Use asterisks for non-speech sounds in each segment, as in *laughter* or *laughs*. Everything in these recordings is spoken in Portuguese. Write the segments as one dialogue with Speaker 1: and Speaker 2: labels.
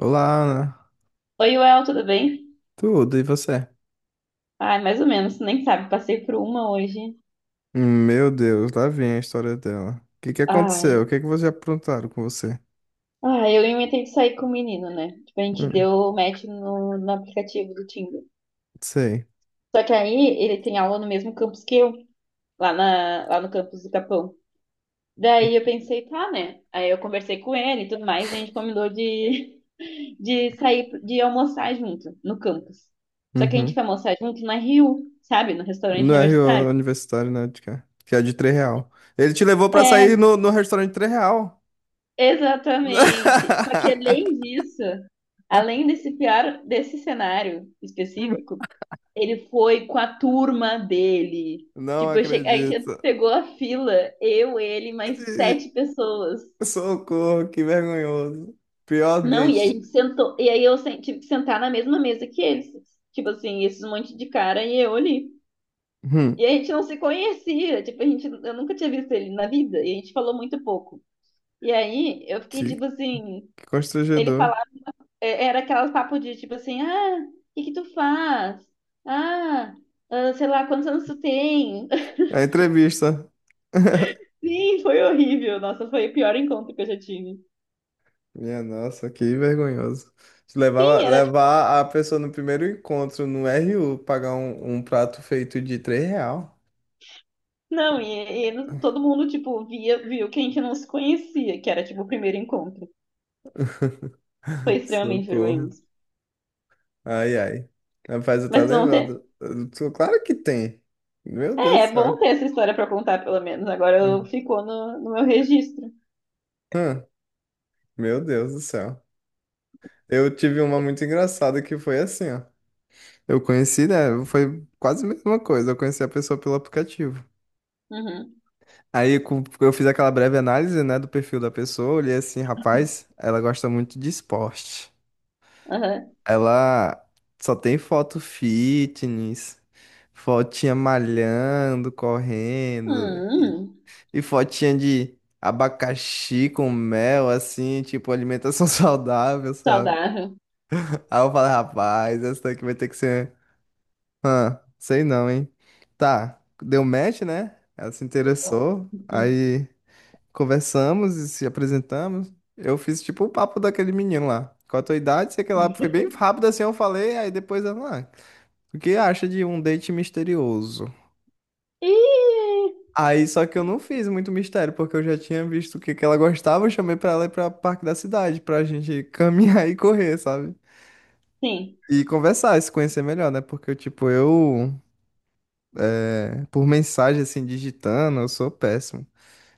Speaker 1: Olá, Ana.
Speaker 2: Oi, Well, tudo bem?
Speaker 1: Tudo, e você?
Speaker 2: Ai, mais ou menos, tu nem sabe, passei por uma hoje.
Speaker 1: Meu Deus, lá vem a história dela. O que que
Speaker 2: Ai,
Speaker 1: aconteceu? O que que vocês aprontaram com você?
Speaker 2: ai, eu inventei de sair com o menino, né? Tipo, a gente
Speaker 1: Hum,
Speaker 2: deu match no aplicativo do Tinder.
Speaker 1: sei.
Speaker 2: Só que aí ele tem aula no mesmo campus que eu, lá, lá no campus do Capão. Daí eu pensei, tá, né? Aí eu conversei com ele e tudo mais, e a gente combinou de, *laughs* de sair, de almoçar junto no campus. Só que a gente
Speaker 1: Uhum.
Speaker 2: foi almoçar junto na Rio, sabe? No restaurante
Speaker 1: No RO
Speaker 2: universitário.
Speaker 1: Universitário, né, de cá, que é de 3 real. Ele te levou pra sair
Speaker 2: É,
Speaker 1: no restaurante de 3 real.
Speaker 2: exatamente. Só que além
Speaker 1: *laughs*
Speaker 2: disso, além desse pior, desse cenário específico, ele foi com a turma dele.
Speaker 1: Não
Speaker 2: Tipo, a
Speaker 1: acredito.
Speaker 2: gente pegou a fila, eu, ele, mais sete pessoas.
Speaker 1: Socorro, que vergonhoso. Pior
Speaker 2: Não, e aí a
Speaker 1: date.
Speaker 2: gente sentou, e aí tive que sentar na mesma mesa que eles. Tipo assim, esses monte de cara e eu ali. E
Speaker 1: Hum,
Speaker 2: a gente não se conhecia, tipo, eu nunca tinha visto ele na vida, e a gente falou muito pouco. E aí eu fiquei
Speaker 1: que,
Speaker 2: tipo assim,
Speaker 1: que
Speaker 2: ele
Speaker 1: constrangedor.
Speaker 2: falava era aquelas papo de tipo assim, ah, o que que tu faz? Ah, ah, sei lá, quantos anos tu tem? *laughs*
Speaker 1: A entrevista.
Speaker 2: Sim, foi horrível. Nossa, foi o pior encontro que eu já tive.
Speaker 1: Minha nossa, que vergonhoso. Levar,
Speaker 2: Sim, era tipo,
Speaker 1: levar a pessoa no primeiro encontro no RU, pagar um prato feito de 3 real.
Speaker 2: não, e todo mundo, tipo, viu que a gente não se conhecia, que era tipo o primeiro encontro. Foi
Speaker 1: *laughs*
Speaker 2: extremamente
Speaker 1: Socorro.
Speaker 2: vergonhoso.
Speaker 1: Ai, ai. Rapaz, eu tô
Speaker 2: Mas tu não tem.
Speaker 1: lembrado. Claro que tem. Meu
Speaker 2: É,
Speaker 1: Deus do
Speaker 2: é
Speaker 1: céu.
Speaker 2: bom ter essa história pra contar, pelo menos. Agora
Speaker 1: Hum.
Speaker 2: ficou no meu registro.
Speaker 1: Hum. Meu Deus do céu. Eu tive uma muito engraçada que foi assim, ó. Eu conheci, né? Foi quase a mesma coisa. Eu conheci a pessoa pelo aplicativo.
Speaker 2: Uhum,
Speaker 1: Aí eu fiz aquela breve análise, né, do perfil da pessoa, olhei assim, rapaz, ela gosta muito de esporte.
Speaker 2: aham.
Speaker 1: Ela só tem foto fitness, fotinha malhando, correndo,
Speaker 2: Hum, hum,
Speaker 1: e fotinha de abacaxi com mel, assim, tipo alimentação *laughs* saudável, sabe?
Speaker 2: saudável.
Speaker 1: Aí eu falei, rapaz, essa daqui vai ter que ser, ah, sei não, hein? Tá, deu match, né? Ela se interessou,
Speaker 2: Uhum.
Speaker 1: aí conversamos e se apresentamos. Eu fiz tipo o papo daquele menino lá. Qual a tua idade? Sei que lá foi bem rápido assim, eu falei, aí depois ela, ah, o que acha de um date misterioso?
Speaker 2: Ih,
Speaker 1: Aí só que eu não fiz muito mistério, porque eu já tinha visto o que que ela gostava, eu chamei pra ela ir pra Parque da Cidade, pra gente caminhar *laughs* e correr, sabe?
Speaker 2: sim.
Speaker 1: E conversar, se conhecer melhor, né? Porque, tipo, eu, é, por mensagem, assim, digitando, eu sou péssimo.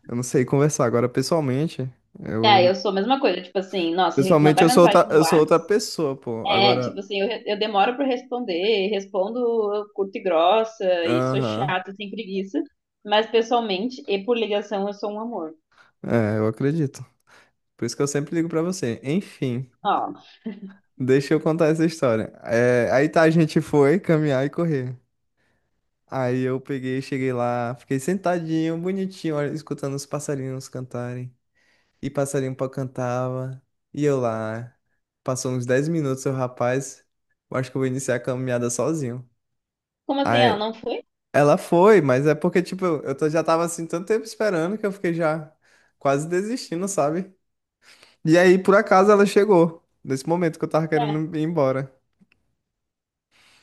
Speaker 1: Eu não sei conversar. Agora, pessoalmente,
Speaker 2: É,
Speaker 1: eu
Speaker 2: eu sou a mesma coisa, tipo assim, nossa,
Speaker 1: pessoalmente
Speaker 2: mandar mensagem no
Speaker 1: eu sou
Speaker 2: WhatsApp,
Speaker 1: outra pessoa, pô.
Speaker 2: é, tipo
Speaker 1: Agora,
Speaker 2: assim, eu demoro pra responder, respondo curta e grossa, e sou
Speaker 1: aham.
Speaker 2: chata, sem preguiça, mas pessoalmente e por ligação eu sou um amor.
Speaker 1: É, eu acredito. Por isso que eu sempre ligo pra você. Enfim,
Speaker 2: Ó,
Speaker 1: deixa eu contar essa história. É, aí tá, a gente foi caminhar e correr. Aí eu peguei, cheguei lá, fiquei sentadinho, bonitinho, olha, escutando os passarinhos cantarem. E passarinho pó cantava. E eu lá. Passou uns 10 minutos, o rapaz. Eu acho que eu vou iniciar a caminhada sozinho.
Speaker 2: como assim, ela
Speaker 1: Aí,
Speaker 2: não foi?
Speaker 1: ela foi, mas é porque, tipo, eu tô, já tava assim tanto tempo esperando que eu fiquei já quase desistindo, sabe? E aí, por acaso, ela chegou. Nesse momento que eu tava
Speaker 2: Tá,
Speaker 1: querendo ir embora.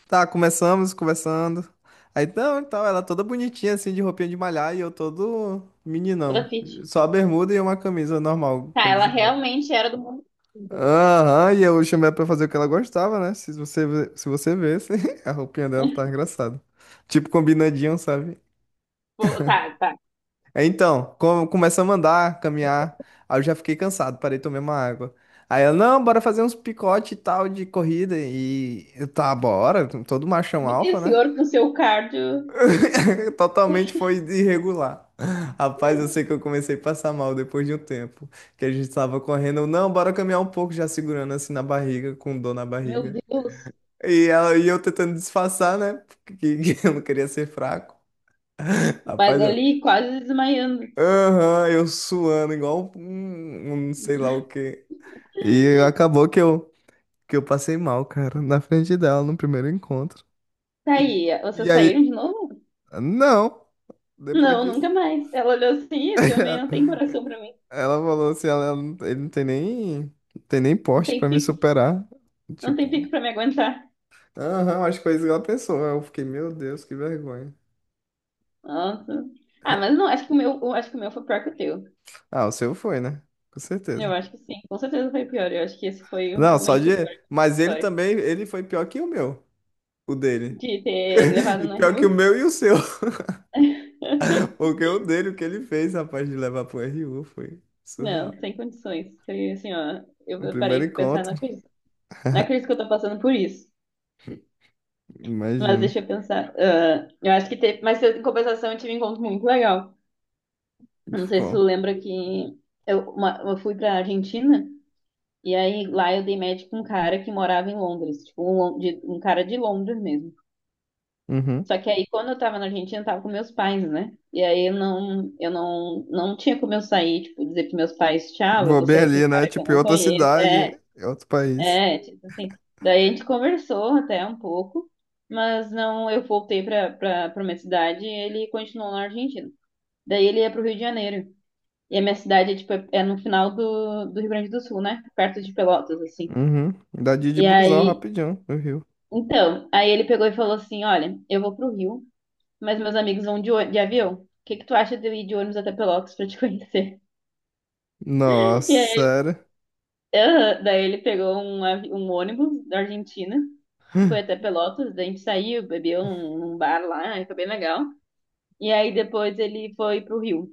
Speaker 1: Tá, começamos, conversando. Aí, então, ela toda bonitinha, assim, de roupinha de malhar, e eu todo meninão.
Speaker 2: toda fit.
Speaker 1: Só a bermuda e uma camisa normal,
Speaker 2: Tá, ela
Speaker 1: camisa nova.
Speaker 2: realmente era do mundo. Então,
Speaker 1: Aham, e eu chamei ela pra fazer o que ela gostava, né? Se você vê, *laughs* a roupinha dela tá engraçada. Tipo, combinadinho, sabe?
Speaker 2: pô, tá, tá.
Speaker 1: Aí, então, começamos a andar, caminhar. Aí eu já fiquei cansado, parei de tomar uma água. Aí ela, não, bora fazer uns picote e tal de corrida. E eu, tá, bora. Todo machão
Speaker 2: E o
Speaker 1: alfa, né?
Speaker 2: senhor com seu cardio,
Speaker 1: *laughs* Totalmente foi irregular. Rapaz, eu sei que eu comecei a passar mal depois de um tempo. Que a gente tava correndo. Não, bora caminhar um pouco, já segurando assim na barriga, com dor na
Speaker 2: meu
Speaker 1: barriga.
Speaker 2: Deus,
Speaker 1: E eu tentando disfarçar, né? Que *laughs* eu não queria ser fraco. Rapaz,
Speaker 2: Bagali quase desmaiando.
Speaker 1: aham, eu suando igual um sei lá o quê. E acabou que eu, passei mal, cara, na frente dela, no primeiro encontro.
Speaker 2: Tá
Speaker 1: E,
Speaker 2: aí, vocês
Speaker 1: e
Speaker 2: saíram
Speaker 1: aí,
Speaker 2: de novo?
Speaker 1: não, depois
Speaker 2: Não,
Speaker 1: disso,
Speaker 2: nunca mais. Ela olhou assim, esse homem não tem coração pra
Speaker 1: *laughs*
Speaker 2: mim.
Speaker 1: ela falou assim, ela, não- ele não tem nem
Speaker 2: Não
Speaker 1: porte
Speaker 2: tem
Speaker 1: pra me
Speaker 2: pico.
Speaker 1: superar.
Speaker 2: Não tem
Speaker 1: Tipo,
Speaker 2: pico pra me aguentar.
Speaker 1: aham, as coisas que ela pensou. Eu fiquei, meu Deus, que vergonha.
Speaker 2: Nossa. Ah, mas não, acho que o meu, eu acho que o meu foi pior que o teu.
Speaker 1: Ah, o seu foi, né? Com
Speaker 2: Eu
Speaker 1: certeza.
Speaker 2: acho que sim, com certeza foi pior. Eu acho que esse foi
Speaker 1: Não, só
Speaker 2: realmente
Speaker 1: de.
Speaker 2: o pior
Speaker 1: Mas ele
Speaker 2: história
Speaker 1: também, ele foi pior que o meu, o dele.
Speaker 2: de ter
Speaker 1: *laughs*
Speaker 2: levado
Speaker 1: E
Speaker 2: na
Speaker 1: pior
Speaker 2: Rio.
Speaker 1: que o meu e o seu.
Speaker 2: *laughs*
Speaker 1: Porque o dele, o que ele fez, rapaz, de levar pro RU foi
Speaker 2: Não,
Speaker 1: surreal.
Speaker 2: sem condições. Foi assim, ó.
Speaker 1: O
Speaker 2: Eu parei
Speaker 1: primeiro
Speaker 2: pra pensar
Speaker 1: encontro,
Speaker 2: na crise. Na crise que eu tô passando por isso. Mas
Speaker 1: imagino.
Speaker 2: deixa eu pensar. Ah, eu acho que teve. Mas em compensação, eu tive um encontro muito legal. Eu não sei se tu
Speaker 1: Ficou.
Speaker 2: lembra que eu fui pra Argentina. E aí lá eu dei match com um cara que morava em Londres, tipo um cara de Londres mesmo.
Speaker 1: Uhum.
Speaker 2: Só que aí quando eu tava na Argentina, eu tava com meus pais, né? E aí eu não, não tinha como eu sair, tipo, dizer pros meus pais, tchau, eu
Speaker 1: Vou
Speaker 2: vou
Speaker 1: bem
Speaker 2: sair com um
Speaker 1: ali, né?
Speaker 2: cara que eu
Speaker 1: Tipo, em
Speaker 2: não
Speaker 1: outra
Speaker 2: conheço.
Speaker 1: cidade,
Speaker 2: É,
Speaker 1: em outro país.
Speaker 2: é, tipo assim. Daí a gente conversou até um pouco, mas não, eu voltei pra, pra minha cidade e ele continuou na Argentina. Daí ele ia pro Rio de Janeiro. E a minha cidade é, tipo, é no final do Rio Grande do Sul, né? Perto de Pelotas, assim.
Speaker 1: Uhum. Dá de ir de
Speaker 2: E
Speaker 1: busão
Speaker 2: aí,
Speaker 1: rapidinho no Rio.
Speaker 2: então, aí ele pegou e falou assim: Olha, eu vou pro Rio, mas meus amigos vão de avião. O que que tu acha de eu ir de ônibus até Pelotas pra te conhecer?
Speaker 1: Nossa,
Speaker 2: *laughs* E aí,
Speaker 1: sério.
Speaker 2: aham, daí ele pegou um ônibus da Argentina, foi até Pelotas, daí a gente saiu, bebeu num bar lá, aí foi bem legal. E aí depois ele foi pro Rio.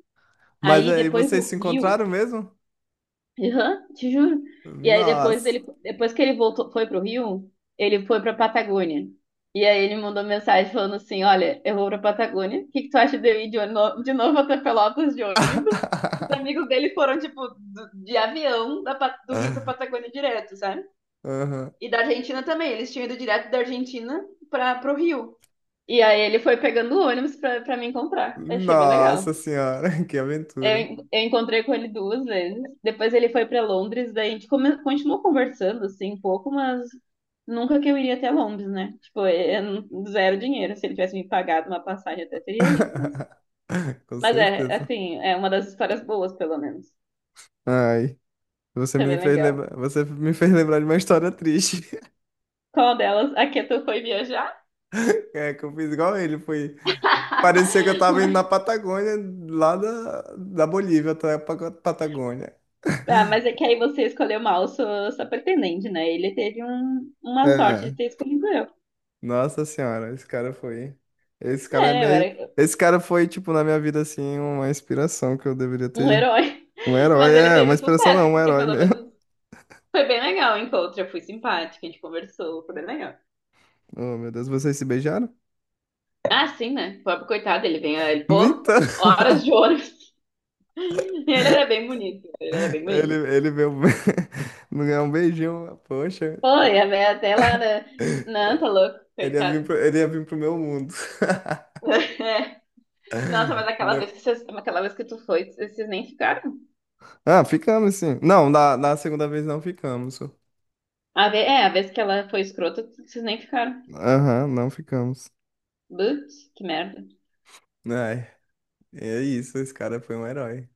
Speaker 1: Mas
Speaker 2: Aí
Speaker 1: aí,
Speaker 2: depois
Speaker 1: vocês
Speaker 2: do
Speaker 1: se
Speaker 2: Rio.
Speaker 1: encontraram mesmo?
Speaker 2: Aham, te juro. E aí depois
Speaker 1: Nossa.
Speaker 2: depois que ele voltou, foi pro Rio, ele foi pra Patagônia. E aí ele mandou mensagem falando assim, olha, eu vou pra Patagônia, o que que tu acha de eu ir de novo até Pelotas de ônibus? Os amigos
Speaker 1: *laughs*
Speaker 2: dele foram, tipo, de avião do Rio pra Patagônia direto, sabe?
Speaker 1: Uhum.
Speaker 2: E da Argentina também, eles tinham ido direto da Argentina pro Rio. E aí ele foi pegando o ônibus pra, me encontrar. Achei bem
Speaker 1: Nossa
Speaker 2: legal.
Speaker 1: senhora, *laughs* que
Speaker 2: Eu,
Speaker 1: aventura.
Speaker 2: en- eu encontrei com ele duas vezes. Depois ele foi para Londres, daí a gente continuou conversando assim um pouco, mas nunca que eu iria até Londres, né? Tipo, é zero dinheiro. Se ele tivesse me pagado uma passagem, eu até teria ido, mas
Speaker 1: *laughs* Com
Speaker 2: mas é,
Speaker 1: certeza.
Speaker 2: assim, é uma das histórias boas, pelo menos.
Speaker 1: Ai. Você
Speaker 2: Foi
Speaker 1: me
Speaker 2: bem
Speaker 1: fez
Speaker 2: legal.
Speaker 1: lembrar, você me fez lembrar de uma história triste. *laughs*
Speaker 2: Qual delas? A que tu foi viajar?
Speaker 1: É, que eu fiz igual ele, foi. Parecia que eu
Speaker 2: *laughs*
Speaker 1: tava indo na
Speaker 2: Mas-
Speaker 1: Patagônia, lá da Bolívia até a Patagônia.
Speaker 2: Ah, mas é que aí você escolheu mal sua pretendente, né? Ele teve uma sorte de
Speaker 1: É.
Speaker 2: ter escolhido eu.
Speaker 1: Nossa senhora, esse cara foi. Esse cara é
Speaker 2: É, eu
Speaker 1: meio.
Speaker 2: era,
Speaker 1: Esse cara foi, tipo, na minha vida, assim, uma inspiração que eu deveria
Speaker 2: um
Speaker 1: ter.
Speaker 2: herói.
Speaker 1: Um
Speaker 2: *laughs*
Speaker 1: herói,
Speaker 2: Mas ele
Speaker 1: é, uma
Speaker 2: teve
Speaker 1: inspiração
Speaker 2: sucesso,
Speaker 1: não, um
Speaker 2: porque
Speaker 1: herói
Speaker 2: pelo
Speaker 1: mesmo. *laughs*
Speaker 2: menos foi bem legal o encontro. Eu fui simpática, a gente conversou, foi bem legal.
Speaker 1: Oh, meu Deus, vocês se beijaram?
Speaker 2: Ah, sim, né? O pobre coitado, ele vem, ele, pô,
Speaker 1: Então. *laughs*
Speaker 2: horas de ônibus. *laughs* E ele era bem bonito, ele era bem
Speaker 1: Ele,
Speaker 2: bonito.
Speaker 1: ele veio. *laughs* Não ganhou um beijinho, poxa.
Speaker 2: Foi, a minha até lá, né? Não, tá louco,
Speaker 1: Ele ia vir
Speaker 2: coitado.
Speaker 1: pro meu mundo. *laughs*
Speaker 2: *laughs* É. Nossa,
Speaker 1: Né?
Speaker 2: aquela vez que tu foi, vocês nem ficaram.
Speaker 1: Ah, ficamos sim. Não, na da segunda vez não ficamos.
Speaker 2: A vez que ela foi escrota, vocês nem ficaram.
Speaker 1: Aham, não ficamos.
Speaker 2: Putz, que merda.
Speaker 1: Ai, é isso, esse cara foi um herói.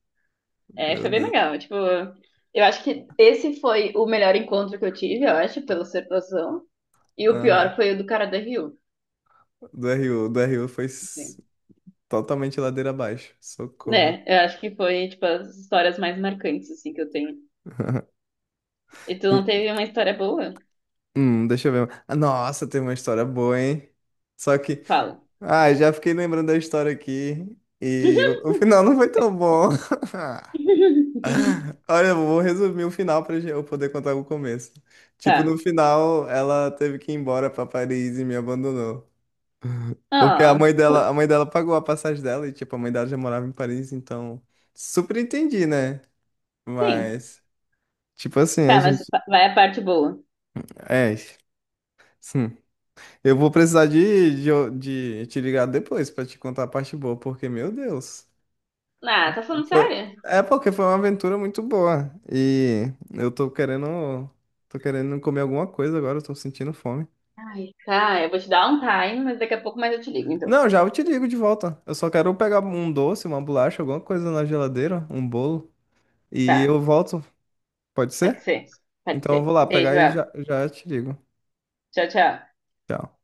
Speaker 2: É,
Speaker 1: Meu
Speaker 2: foi bem
Speaker 1: Deus.
Speaker 2: legal. Tipo, eu acho que esse foi o melhor encontro que eu tive, eu acho, pela observação. E o
Speaker 1: Aham.
Speaker 2: pior foi o do cara da Rio.
Speaker 1: Do RU foi
Speaker 2: Assim.
Speaker 1: totalmente ladeira abaixo. Socorro.
Speaker 2: Né, eu acho que foi, tipo, as histórias mais marcantes, assim, que eu tenho. E tu não
Speaker 1: E-
Speaker 2: teve uma história boa?
Speaker 1: Deixa eu ver. Ah, nossa, tem uma história boa, hein? Só que.
Speaker 2: Fala.
Speaker 1: Ah, já fiquei lembrando da história aqui. E o final não foi tão bom. *laughs*
Speaker 2: *laughs*
Speaker 1: *laughs* Olha, eu vou resumir o final para eu poder contar o começo. Tipo,
Speaker 2: Tá.
Speaker 1: no final, ela teve que ir embora para Paris e me abandonou. Porque
Speaker 2: Ah,
Speaker 1: a
Speaker 2: putz,
Speaker 1: mãe dela pagou a passagem dela e, tipo, a mãe dela já morava em Paris, então super entendi, né?
Speaker 2: sim.
Speaker 1: Mas, tipo assim, a
Speaker 2: Tá, mas
Speaker 1: gente.
Speaker 2: vai a parte boa.
Speaker 1: É, sim. Eu vou precisar de, de, de, te ligar depois para te contar a parte boa, porque, meu Deus.
Speaker 2: Ah, tá falando
Speaker 1: Foi.
Speaker 2: sério?
Speaker 1: É porque foi uma aventura muito boa. E eu tô querendo. Tô querendo comer alguma coisa agora, eu tô sentindo fome.
Speaker 2: Ai, tá, eu vou te dar um time, mas daqui a pouco mais eu te ligo, então.
Speaker 1: Não, já eu te ligo de volta. Eu só quero pegar um doce, uma bolacha, alguma coisa na geladeira, um bolo. E
Speaker 2: Tá,
Speaker 1: eu volto. Pode
Speaker 2: pode
Speaker 1: ser?
Speaker 2: ser. Pode
Speaker 1: Então eu
Speaker 2: ser.
Speaker 1: vou lá pegar
Speaker 2: Beijo,
Speaker 1: e
Speaker 2: El.
Speaker 1: já, já te ligo.
Speaker 2: Tchau, tchau.
Speaker 1: Tchau.